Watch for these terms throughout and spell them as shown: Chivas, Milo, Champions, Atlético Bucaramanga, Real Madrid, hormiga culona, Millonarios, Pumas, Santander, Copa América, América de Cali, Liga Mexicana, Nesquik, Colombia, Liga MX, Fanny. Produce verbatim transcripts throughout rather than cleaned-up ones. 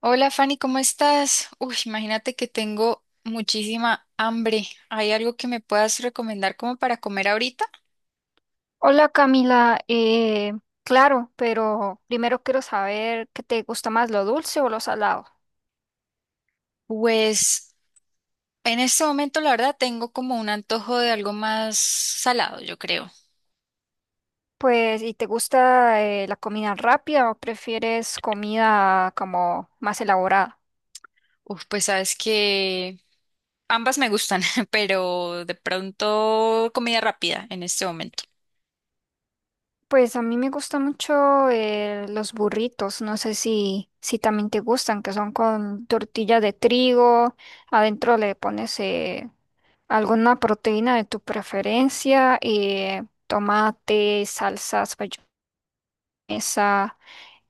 Hola Fanny, ¿cómo estás? Uy, imagínate que tengo muchísima hambre. ¿Hay algo que me puedas recomendar como para comer ahorita? Hola Camila, eh, claro, pero primero quiero saber qué te gusta más, lo dulce o lo salado. Pues en este momento la verdad tengo como un antojo de algo más salado, yo creo. Pues, ¿y te gusta eh, la comida rápida o prefieres comida como más elaborada? Uf, pues sabes que ambas me gustan, pero de pronto comida rápida en este momento. Pues a mí me gustan mucho eh, los burritos, no sé si, si también te gustan, que son con tortilla de trigo, adentro le pones eh, alguna proteína de tu preferencia, eh, tomate, salsas, mayonesa.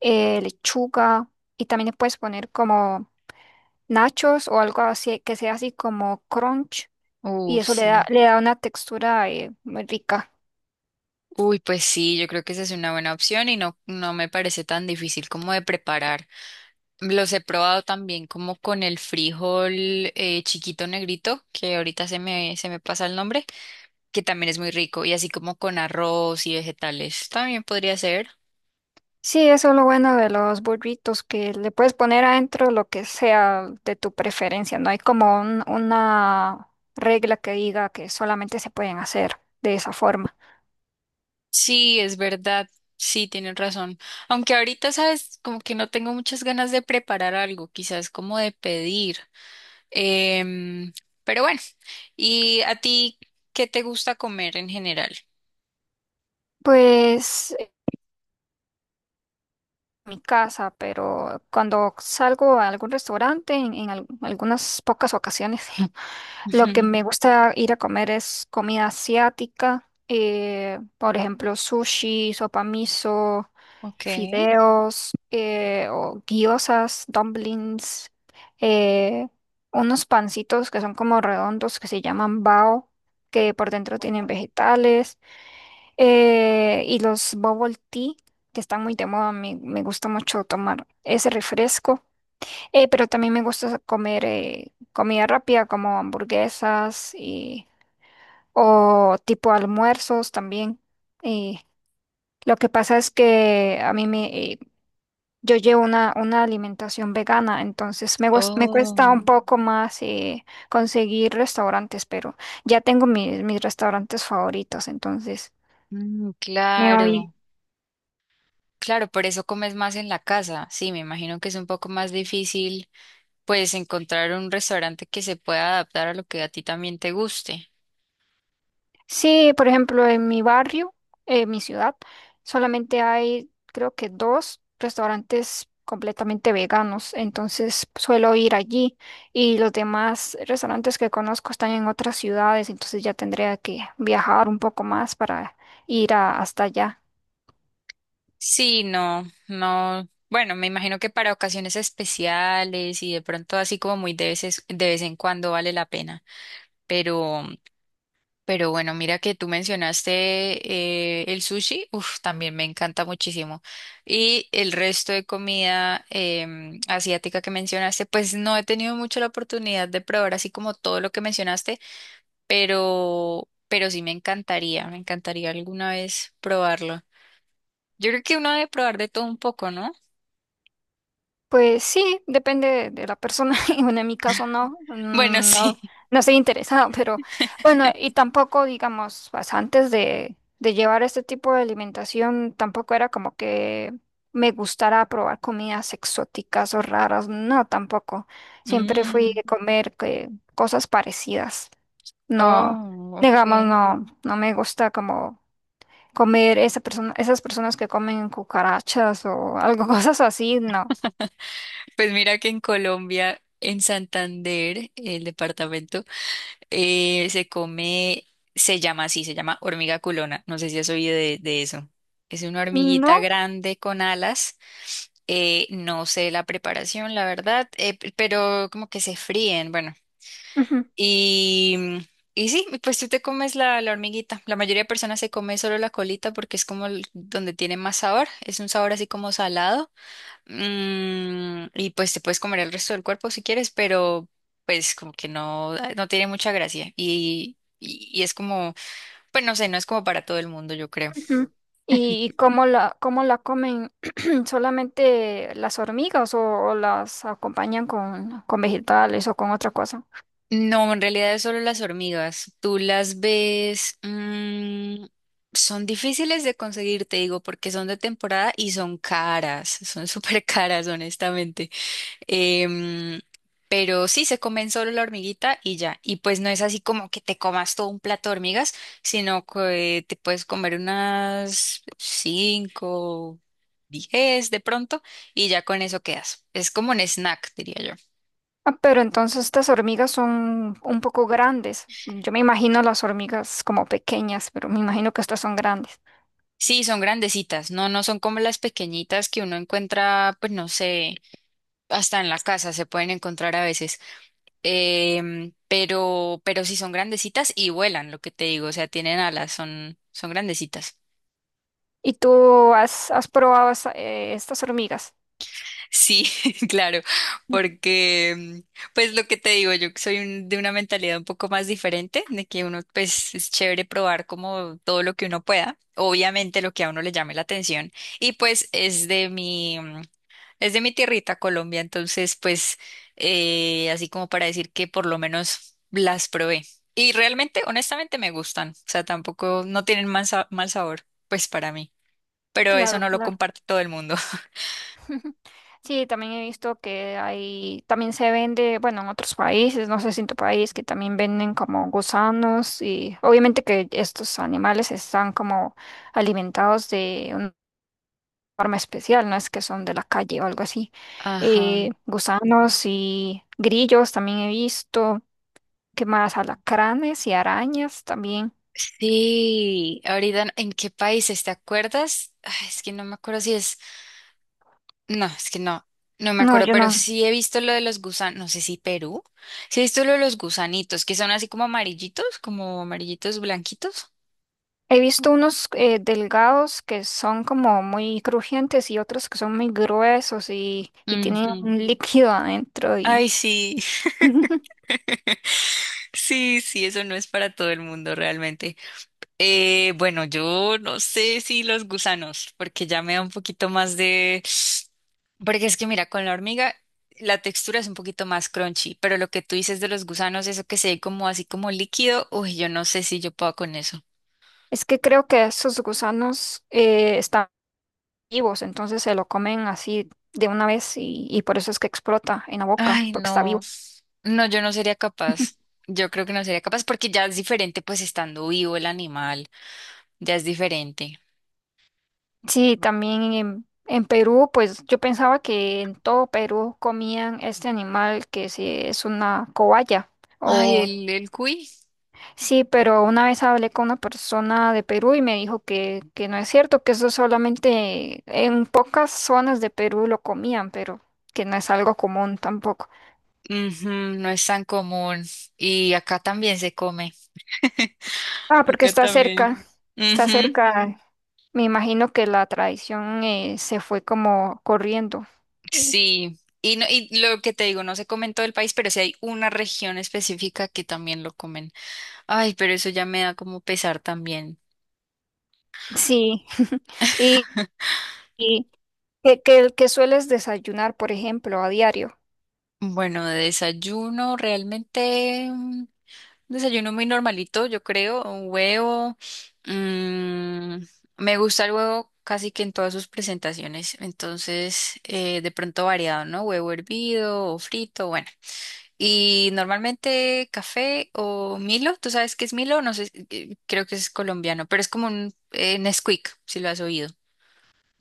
eh, Lechuga y también le puedes poner como nachos o algo así que sea así como crunch, y Uf, eso le da, sí. le da una textura eh, muy rica. Uy, pues sí, yo creo que esa es una buena opción y no, no me parece tan difícil como de preparar. Los he probado también como con el frijol eh, chiquito negrito, que ahorita se me, se me pasa el nombre, que también es muy rico, y así como con arroz y vegetales, también podría ser. Sí, eso es lo bueno de los burritos, que le puedes poner adentro lo que sea de tu preferencia, no hay como un- una regla que diga que solamente se pueden hacer de esa forma. Sí, es verdad, sí, tienes razón. Aunque ahorita, sabes, como que no tengo muchas ganas de preparar algo, quizás como de pedir. Em, pero bueno, ¿y a ti qué te gusta comer en general? Pues mi casa, pero cuando salgo a algún restaurante, en, en al- algunas pocas ocasiones, lo que Ujú. me gusta ir a comer es comida asiática, eh, por ejemplo, sushi, sopa miso, Ok. fideos, eh, o gyozas, dumplings, eh, unos pancitos que son como redondos que se llaman bao, que por dentro tienen vegetales. Eh, y los bubble tea, que están muy de moda, me, me gusta mucho tomar ese refresco. Eh, pero también me gusta comer eh, comida rápida como hamburguesas y, o tipo almuerzos también. Y lo que pasa es que a mí me, eh, yo llevo una, una alimentación vegana, entonces me, guas- me cuesta Oh, un poco más eh, conseguir restaurantes, pero ya tengo mis, mis restaurantes favoritos, entonces mm, me voy. claro, claro, por eso comes más en la casa. Sí, me imagino que es un poco más difícil, pues, encontrar un restaurante que se pueda adaptar a lo que a ti también te guste. Sí, por ejemplo, en mi barrio, en mi ciudad, solamente hay, creo que dos restaurantes completamente veganos, entonces suelo ir allí y los demás restaurantes que conozco están en otras ciudades, entonces ya tendría que viajar un poco más para ir a- hasta allá. Sí, no, no. Bueno, me imagino que para ocasiones especiales y de pronto así como muy de veces, de vez en cuando vale la pena. Pero Pero bueno, mira que tú mencionaste eh, el sushi, uf, también me encanta muchísimo. Y el resto de comida em, asiática que mencionaste, pues no he tenido mucho la oportunidad de probar así como todo lo que mencionaste, pero, pero sí me encantaría, me encantaría alguna vez probarlo. Yo creo que uno debe probar de todo un poco, ¿no? Pues sí, depende de la persona. Y bueno, en mi caso no, Bueno, mm, no, sí. no estoy interesada, pero bueno, y tampoco, digamos, pues, antes de, de llevar este tipo de alimentación, tampoco era como que me gustara probar comidas exóticas o raras, no, tampoco. Siempre fui Mm, de comer que, cosas parecidas. No, oh, digamos, ok. no, no me gusta como comer esa persona, esas personas que comen cucarachas o algo, cosas así, no. Pues mira que en Colombia, en Santander, el departamento. Eh, se come, se llama así, se llama hormiga culona. No sé si has oído de, de eso. Es una hormiguita No. grande con alas. Eh, no sé la preparación, la verdad, eh, p- pero como que se fríen, bueno. Ujú, Y, mm, y sí, pues tú te comes la, la hormiguita. La mayoría de personas se come solo la colita porque es como el- donde tiene más sabor. Es un sabor así como salado. Mm, y pues te puedes comer el resto del cuerpo si quieres, pero pues como que no, ah, no tiene mucha gracia. Y, y, y es como, pues no sé, no es como para todo el mundo, yo creo. ujú. ¿Y cómo la, cómo la comen? ¿Solamente las hormigas o, o las acompañan con, con vegetales o con otra cosa? No, en realidad es solo las hormigas. Tú las ves, mm, son difíciles de conseguir, te digo, porque son de temporada y son caras, son súper caras, honestamente. Em, pero sí, se comen solo la hormiguita y ya. Y pues no es así como que te comas todo un plato de hormigas, sino que te puedes comer unas cinco, diez de pronto y ya con eso quedas. Es como un snack, diría yo. Ah, pero entonces estas hormigas son un poco grandes. Yo me imagino las hormigas como pequeñas, pero me imagino que estas son grandes. Sí, son grandecitas, no, no son como las pequeñitas que uno encuentra, pues no sé, hasta en la casa se pueden encontrar a veces. Em, pero, pero sí son grandecitas y vuelan, lo que te digo, o sea, tienen alas, son, son grandecitas. ¿Y tú has, has probado esa- eh, estas hormigas? Sí, claro, porque mm, pues lo que te digo, yo que soy un- de una mentalidad un poco más diferente, de que uno pues es chévere probar como todo lo que uno pueda, obviamente lo que a uno le llame la atención y pues es de mi mm, es de mi tierrita Colombia, entonces pues eh, así como para decir que por lo menos las probé y realmente honestamente me gustan, o sea, tampoco no tienen mal, sa- mal sabor pues para mí, pero eso Claro, no lo claro. comparte todo el mundo. Sí, también he visto que hay, también se vende, bueno, en otros países, no sé si en tu país, que también venden como gusanos y obviamente que estos animales están como alimentados de una forma especial, no es que son de la calle o algo así. Ajá. Eh, gusanos y grillos también he visto, ¿qué más? Alacranes y arañas también. Sí, ahorita, ¿en qué países te acuerdas? Ay, es que no me acuerdo si es, no, es que no, no me No, acuerdo, yo pero no. sí he visto lo de los gusanos, no sé si Perú, sí he visto lo de los gusanitos, que son así como amarillitos, como amarillitos blanquitos. He visto unos eh, delgados que son como muy crujientes y otros que son muy gruesos y, y tienen Ujú. un líquido adentro Ay, y sí. Sí, sí, eso no es para todo el mundo realmente. Eh, bueno, yo no sé si los gusanos, porque ya me da un poquito más de... Porque es que mira, con la hormiga la textura es un poquito más crunchy, pero lo que tú dices de los gusanos, eso que se ve como así como líquido, uy, yo no sé si yo puedo con eso. es que creo que esos gusanos eh, están vivos, entonces se lo comen así de una vez y, y por eso es que explota en la boca, Ay, porque está no. vivo. No, yo no sería capaz. Yo creo que no sería capaz porque ya es diferente, pues estando vivo el animal, ya es diferente. Sí, también en, en Perú, pues yo pensaba que en todo Perú comían este animal que sí es una cobaya Ay, o... el, el cuy. Sí, pero una vez hablé con una persona de Perú y me dijo que, que no es cierto, que eso solamente en pocas zonas de Perú lo comían, pero que no es algo común tampoco. Ujú, no es tan común. Y acá también se come. Ah, porque Acá está también. cerca, está Ujú. cerca. Me imagino que la tradición eh, se fue como corriendo. Eh, Sí, y, no, y lo que te digo, no se come en todo el país, pero sí hay una región específica que también lo comen. Ay, pero eso ya me da como pesar también. Sí, y, y que, que, que sueles desayunar, por ejemplo, a diario, Bueno, de desayuno, realmente mm, desayuno muy normalito, yo creo, un huevo. mm, Me gusta el huevo casi que en todas sus presentaciones, entonces eh, de pronto variado, ¿no? Huevo hervido o frito, bueno. Y normalmente café o Milo, ¿tú sabes qué es Milo? No sé, eh, creo que es colombiano, pero es como un eh, Nesquik, si lo has oído,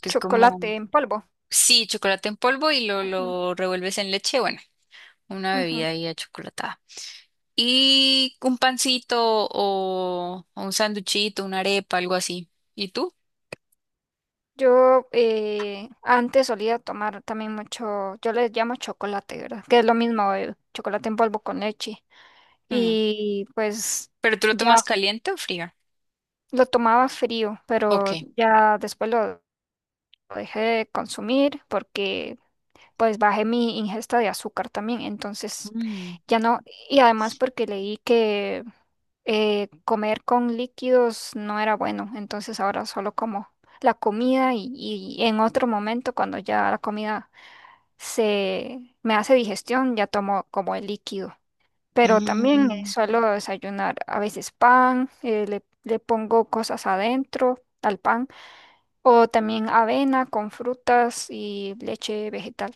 que es como, chocolate en polvo. sí, chocolate en polvo y lo, Ujú, lo revuelves en leche, bueno, una ujú. bebida ahí achocolatada. Y un pancito o, o un sanduchito, una arepa, algo así. ¿Y tú? Yo eh, antes solía tomar también mucho, yo les llamo chocolate, ¿verdad? Que es lo mismo, el chocolate en polvo con leche. Mm. Y pues ¿Pero tú lo tomas ya caliente o frío? lo tomaba frío, Ok. pero ya después lo dejé de consumir porque pues bajé mi ingesta de azúcar también, entonces Mm. ya no, y además porque leí que eh, comer con líquidos no era bueno, entonces ahora solo como la comida y, y en otro momento cuando ya la comida se me hace digestión, ya tomo como el líquido. Pero también eh, Mm. suelo desayunar a veces pan, eh, le, le pongo cosas adentro al pan, o también avena con frutas y leche vegetal.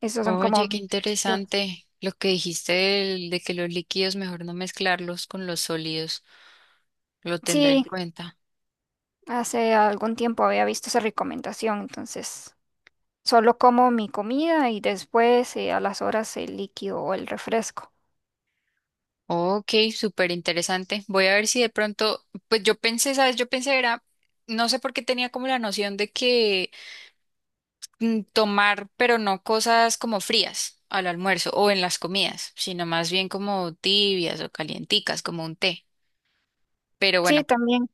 Esos son como... Oye, qué interesante lo que dijiste del- de, que los líquidos mejor no mezclarlos con los sólidos. Lo tendré en Sí, cuenta. hace algún tiempo había visto esa recomendación, entonces solo como mi comida y después eh, a las horas el líquido o el refresco. Ok, súper interesante. Voy a ver si de pronto, pues yo pensé, ¿sabes? Yo pensé era, no sé por qué tenía como la noción de que mm, tomar, pero no cosas como frías al almuerzo o en las comidas, sino más bien como tibias o calienticas, como un té. Pero Sí, bueno. también.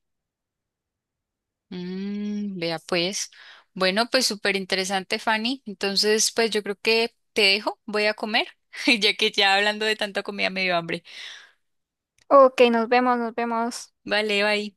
Mm, vea pues. Bueno, pues súper interesante, Fanny. Entonces, pues yo creo que te dejo, voy a comer, ya que ya hablando de tanta comida me dio hambre. Ok, nos vemos, nos vemos. Vale, bye.